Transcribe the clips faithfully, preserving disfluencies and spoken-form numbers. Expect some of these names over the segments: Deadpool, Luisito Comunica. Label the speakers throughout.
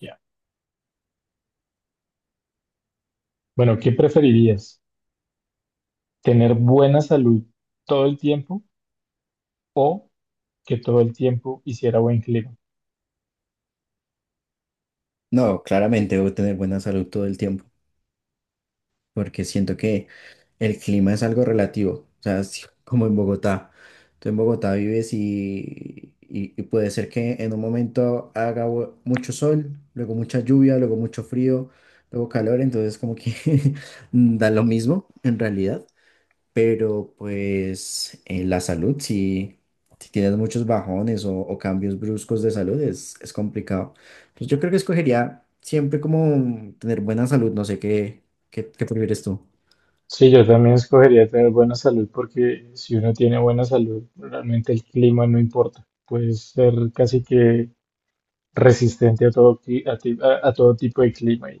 Speaker 1: Ya. Bueno, ¿qué preferirías? ¿Tener buena salud todo el tiempo o que todo el tiempo hiciera buen clima?
Speaker 2: No, claramente debo tener buena salud todo el tiempo, porque siento que el clima es algo relativo, o sea, es como en Bogotá. Tú en Bogotá vives y, y- y puede ser que en un momento haga bu- mucho sol, luego mucha lluvia, luego mucho frío, luego calor, entonces como que da lo mismo en realidad. Pero pues en la salud, si, si tienes muchos bajones o, o cambios bruscos de salud, es, es complicado. Pues yo creo que escogería siempre como tener buena salud, no sé qué, qué, qué prefieres tú.
Speaker 1: Sí, yo también escogería tener buena salud porque si uno tiene buena salud, realmente el clima no importa. Puedes ser casi que resistente a todo, cli- a, ti- a- a todo tipo de clima. Y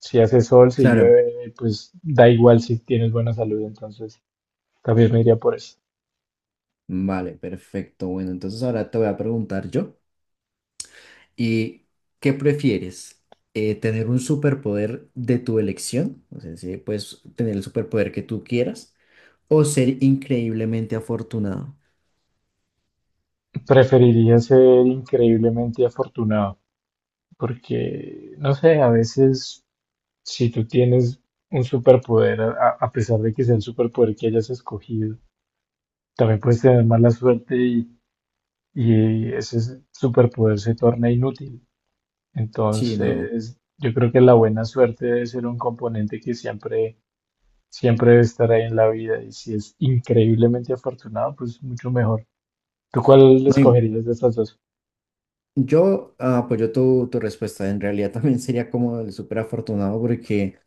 Speaker 1: si hace sol, si
Speaker 2: Claro,
Speaker 1: llueve, pues da igual si tienes buena salud. Entonces, también me iría por eso.
Speaker 2: vale, perfecto. Bueno, entonces ahora te voy a preguntar yo. ¿Y qué prefieres? Eh, ¿tener un superpoder de tu elección? O sea, si puedes tener el superpoder que tú quieras o ser increíblemente afortunado.
Speaker 1: Preferiría ser increíblemente afortunado porque, no sé, a veces, si tú tienes un superpoder, a, a pesar de que sea el superpoder que hayas escogido, también puedes tener mala suerte y, y ese superpoder se torna inútil.
Speaker 2: Sí, no.
Speaker 1: Entonces, yo creo que la buena suerte debe ser un componente que siempre, siempre debe estar ahí en la vida. Y si es increíblemente afortunado, pues mucho mejor. ¿Tú cuál
Speaker 2: No, y-
Speaker 1: escogerías de estas dos?
Speaker 2: Yo ah, apoyo tu, tu respuesta. En realidad también sería como el súper afortunado porque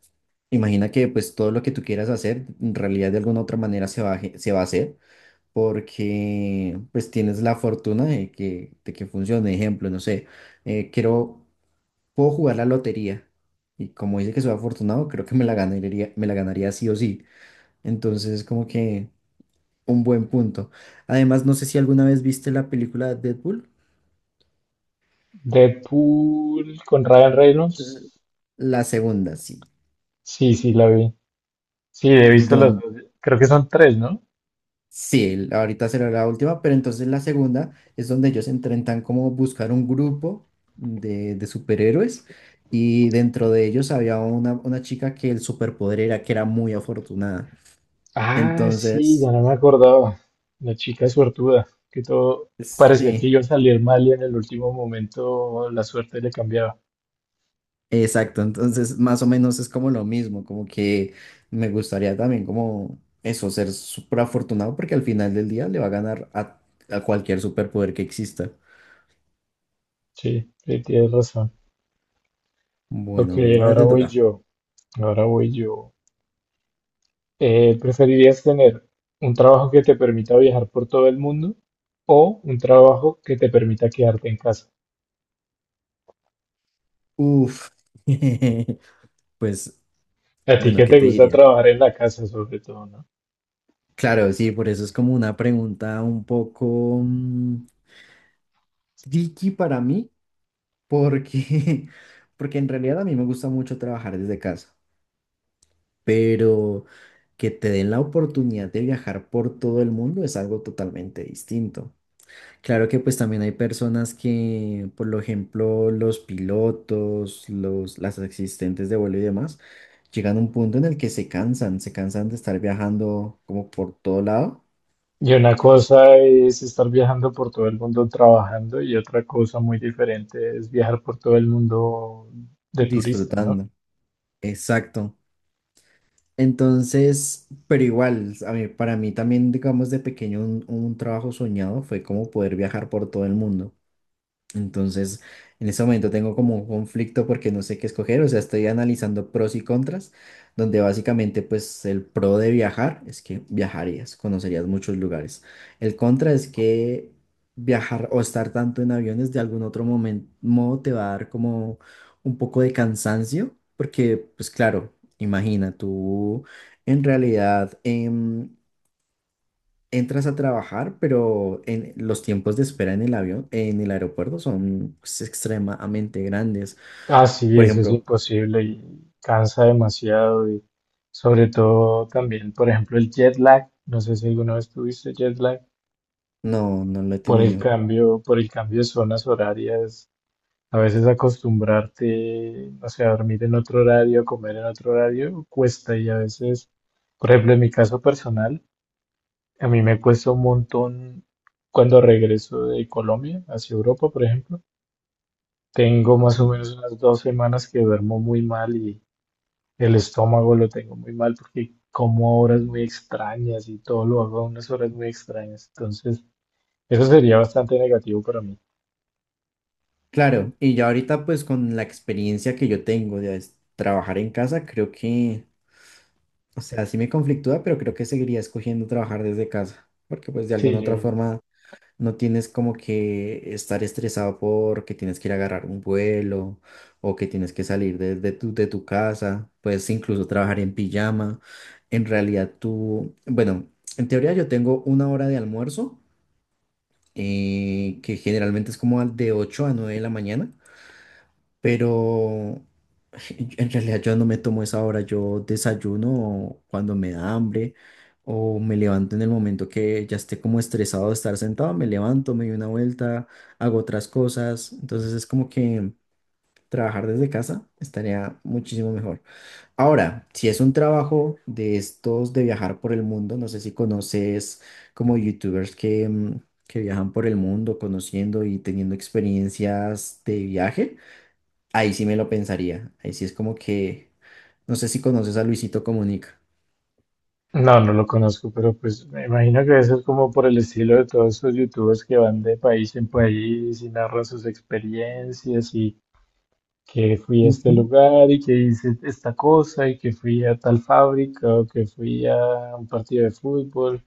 Speaker 2: imagina que pues todo lo que tú quieras hacer en realidad de alguna otra manera se va a, ge- se va a hacer porque pues tienes la fortuna de que, de que funcione. Ejemplo, no sé, eh, quiero, puedo jugar la lotería y como dice que soy afortunado, creo que me la ganaría, me la ganaría sí o sí. Entonces es como que un buen punto. Además, no sé si alguna vez viste la película de Deadpool.
Speaker 1: Deadpool con Ryan
Speaker 2: L-
Speaker 1: Reynolds.
Speaker 2: La segunda, sí
Speaker 1: Sí, sí, la vi. Sí, he visto las
Speaker 2: donde
Speaker 1: dos. Creo que son tres, ¿no?
Speaker 2: sí, ahorita será la última, pero entonces la segunda es donde ellos intentan como buscar un grupo de, de superhéroes y dentro de ellos había una, una chica que el superpoder era que era muy afortunada.
Speaker 1: Ah, sí, ya
Speaker 2: Entonces,
Speaker 1: no me acordaba. La chica suertuda, que todo parecía que
Speaker 2: sí,
Speaker 1: iba a salir mal y en el último momento la suerte le cambiaba.
Speaker 2: exacto, entonces más o menos es como lo mismo, como que me gustaría también como eso, ser súper afortunado porque al final del día le va a ganar a, a cualquier superpoder que exista.
Speaker 1: Sí, sí, tienes razón. Ok,
Speaker 2: Bueno, ahora
Speaker 1: ahora
Speaker 2: te
Speaker 1: voy
Speaker 2: toca.
Speaker 1: yo. Ahora voy yo. Eh, ¿preferirías tener un trabajo que te permita viajar por todo el mundo o un trabajo que te permita quedarte en casa?
Speaker 2: Uf. Pues
Speaker 1: A ti
Speaker 2: bueno,
Speaker 1: que
Speaker 2: ¿qué
Speaker 1: te
Speaker 2: te
Speaker 1: gusta
Speaker 2: diría?
Speaker 1: trabajar en la casa, sobre todo, ¿no?
Speaker 2: Claro, sí, por eso es como una pregunta un poco mm, tricky para mí, porque, porque en realidad a mí me gusta mucho trabajar desde casa, pero que te den la oportunidad de viajar por todo el mundo es algo totalmente distinto. Claro que pues también hay personas que, por lo ejemplo, los pilotos, los, las asistentes de vuelo y demás, llegan a un punto en el que se cansan, se cansan de estar viajando como por todo lado,
Speaker 1: Y una cosa es estar viajando por todo el mundo trabajando y otra cosa muy diferente es viajar por todo el mundo de turista, ¿no?
Speaker 2: disfrutando. Exacto. Entonces, pero igual, a mí, para mí también, digamos, de pequeño un, un trabajo soñado fue como poder viajar por todo el mundo. Entonces, en ese momento tengo como un conflicto porque no sé qué escoger, o sea, estoy analizando pros y contras, donde básicamente pues el pro de viajar es que viajarías, conocerías muchos lugares. El contra es que viajar o estar tanto en aviones de algún otro momento, modo te va a dar como un poco de cansancio, porque pues claro, imagina tú en realidad em, entras a trabajar, pero en, los tiempos de espera en el avión, en el aeropuerto son pues, extremadamente grandes.
Speaker 1: Ah, sí,
Speaker 2: Por
Speaker 1: eso es
Speaker 2: ejemplo,
Speaker 1: imposible y cansa demasiado y sobre todo también, por ejemplo, el jet lag, no sé si alguna vez tuviste jet lag,
Speaker 2: no, no lo he
Speaker 1: por el
Speaker 2: tenido.
Speaker 1: cambio, por el cambio de zonas horarias. A veces acostumbrarte, no sé, a dormir en otro horario, a comer en otro horario, cuesta, y a veces, por ejemplo, en mi caso personal, a mí me cuesta un montón cuando regreso de Colombia hacia Europa, por ejemplo. Tengo más o menos unas dos semanas que duermo muy mal y el estómago lo tengo muy mal porque como a horas muy extrañas y todo lo hago a unas horas muy extrañas. Entonces, eso sería bastante negativo para mí.
Speaker 2: Claro, y ya ahorita pues con la experiencia que yo tengo de es- trabajar en casa, creo que, o sea, sí me conflictúa, pero creo que seguiría escogiendo trabajar desde casa, porque pues de
Speaker 1: Sí,
Speaker 2: alguna
Speaker 1: yo
Speaker 2: otra
Speaker 1: no,
Speaker 2: forma no tienes como que estar estresado porque tienes que ir a agarrar un vuelo o que tienes que salir de, de tu, de tu casa. Puedes incluso trabajar en pijama. En realidad tú, bueno, en teoría yo tengo una hora de almuerzo eh, que generalmente es como al- de ocho a nueve de la mañana, pero en realidad yo no me tomo esa hora, yo desayuno cuando me da hambre o me levanto en el momento que ya esté como estresado de estar sentado, me levanto, me doy una vuelta, hago otras cosas, entonces es como que trabajar desde casa estaría muchísimo mejor. Ahora, si es un trabajo de estos de viajar por el mundo, no sé si conoces como youtubers que... mm, que viajan por el mundo conociendo y teniendo experiencias de viaje. Ahí sí me lo pensaría. Ahí sí es como que, no sé si conoces a Luisito Comunica.
Speaker 1: no no lo conozco, pero pues me imagino que eso es como por el estilo de todos esos youtubers que van de país en país y narran sus experiencias y que fui a este
Speaker 2: Ujú,
Speaker 1: lugar y que hice esta cosa y que fui a tal fábrica o que fui a un partido de fútbol.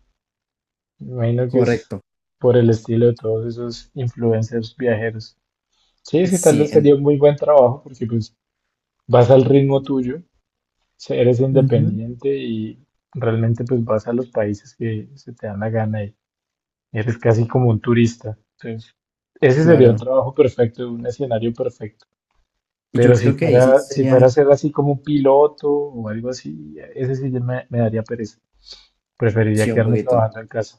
Speaker 1: Me imagino que es
Speaker 2: correcto.
Speaker 1: por el estilo de todos esos influencers viajeros. Sí, sí, tal
Speaker 2: Sí,
Speaker 1: vez
Speaker 2: en-
Speaker 1: sería un muy buen trabajo porque pues vas al ritmo tuyo, se- eres
Speaker 2: ujú.
Speaker 1: independiente y realmente pues vas a los países que se te dan la gana y eres casi como un turista. Entonces, ese sería un
Speaker 2: Claro.
Speaker 1: trabajo perfecto, un escenario perfecto.
Speaker 2: Y
Speaker 1: Pero
Speaker 2: yo
Speaker 1: si
Speaker 2: creo que ahí sí
Speaker 1: fuera, si fuera a
Speaker 2: sería,
Speaker 1: ser así como un piloto o algo así, ese sí ya me, me daría pereza. Preferiría
Speaker 2: sí, un
Speaker 1: quedarme
Speaker 2: poquito.
Speaker 1: trabajando en casa.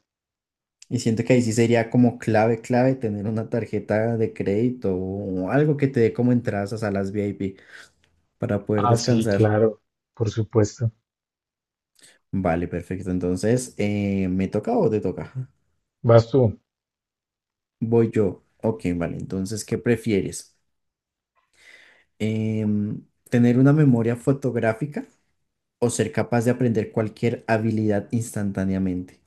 Speaker 2: Y siento que ahí sí sería como clave, clave tener una tarjeta de crédito o algo que te dé como entradas a salas V I P para poder
Speaker 1: Ah, sí,
Speaker 2: descansar.
Speaker 1: claro, por supuesto.
Speaker 2: Vale, perfecto. Entonces, eh, ¿me toca o te toca?
Speaker 1: Vas tú.
Speaker 2: Voy yo. Ok, vale. Entonces, ¿qué prefieres? Em, ¿tener una memoria fotográfica o ser capaz de aprender cualquier habilidad instantáneamente?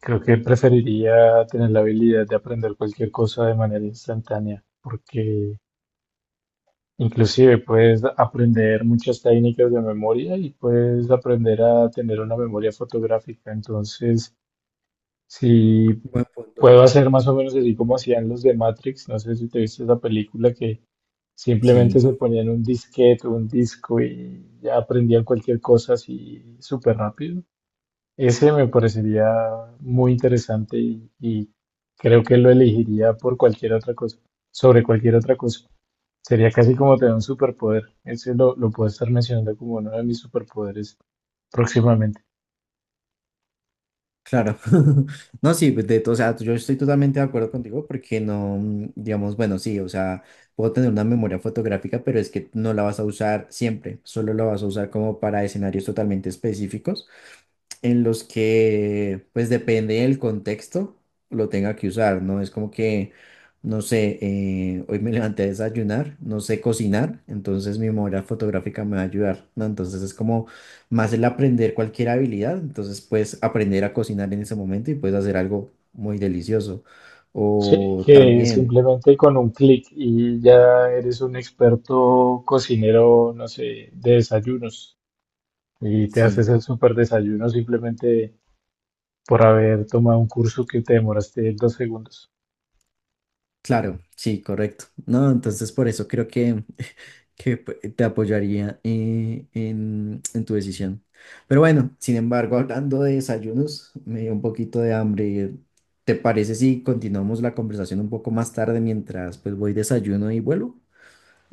Speaker 1: Creo que preferiría tener la habilidad de aprender cualquier cosa de manera instantánea, porque inclusive puedes aprender muchas técnicas de memoria y puedes aprender a tener una memoria fotográfica. Entonces, si
Speaker 2: Buen punto.
Speaker 1: puedo hacer más o menos así como hacían los de Matrix, no sé si te viste esa película que simplemente
Speaker 2: Sí,
Speaker 1: se ponían un disquete o un disco y ya aprendían cualquier cosa así súper rápido. Ese me parecería muy interesante y, y creo que lo elegiría por cualquier otra cosa, sobre cualquier otra cosa. Sería casi como tener un superpoder. Ese lo, lo puedo estar mencionando como uno de mis superpoderes próximamente.
Speaker 2: claro. No, sí, pues, de, to- o sea, yo estoy totalmente de acuerdo contigo porque no, mm, digamos, bueno, sí, o sea, puedo tener una memoria fotográfica, pero es que no la vas a usar siempre, solo la vas a usar como para escenarios totalmente específicos, en los que, pues depende del contexto, lo tenga que usar, ¿no? Es como que, no sé, eh, hoy me levanté a desayunar, no sé cocinar, entonces mi memoria fotográfica me va a ayudar, ¿no? Entonces es como más el aprender cualquier habilidad, entonces puedes aprender a cocinar en ese momento y puedes hacer algo muy delicioso.
Speaker 1: Sí,
Speaker 2: O
Speaker 1: que
Speaker 2: también,
Speaker 1: simplemente con un clic y ya eres un experto cocinero, no sé, de desayunos. Y te
Speaker 2: sí,
Speaker 1: haces el súper desayuno simplemente por haber tomado un curso que te demoraste dos segundos.
Speaker 2: claro, sí, correcto. No, entonces por eso creo que que p- eh, te apoyaría eh, en, en tu decisión. Pero bueno, sin embargo, hablando de desayunos, me dio un poquito de hambre. ¿Te parece si continuamos la conversación un poco más tarde mientras pues voy desayuno y vuelvo?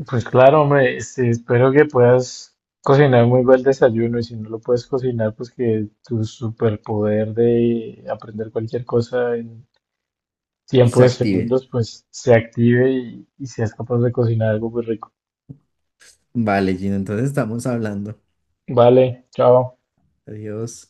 Speaker 1: Pues claro, hombre, este, espero que puedas cocinar muy buen desayuno y si no lo puedes cocinar, pues que tu superpoder de aprender cualquier cosa en tiempo
Speaker 2: Se
Speaker 1: de
Speaker 2: active.
Speaker 1: segundos, pues se active y, y seas capaz de cocinar algo muy rico.
Speaker 2: Vale, Gino, entonces estamos hablando.
Speaker 1: Vale, chao.
Speaker 2: Adiós.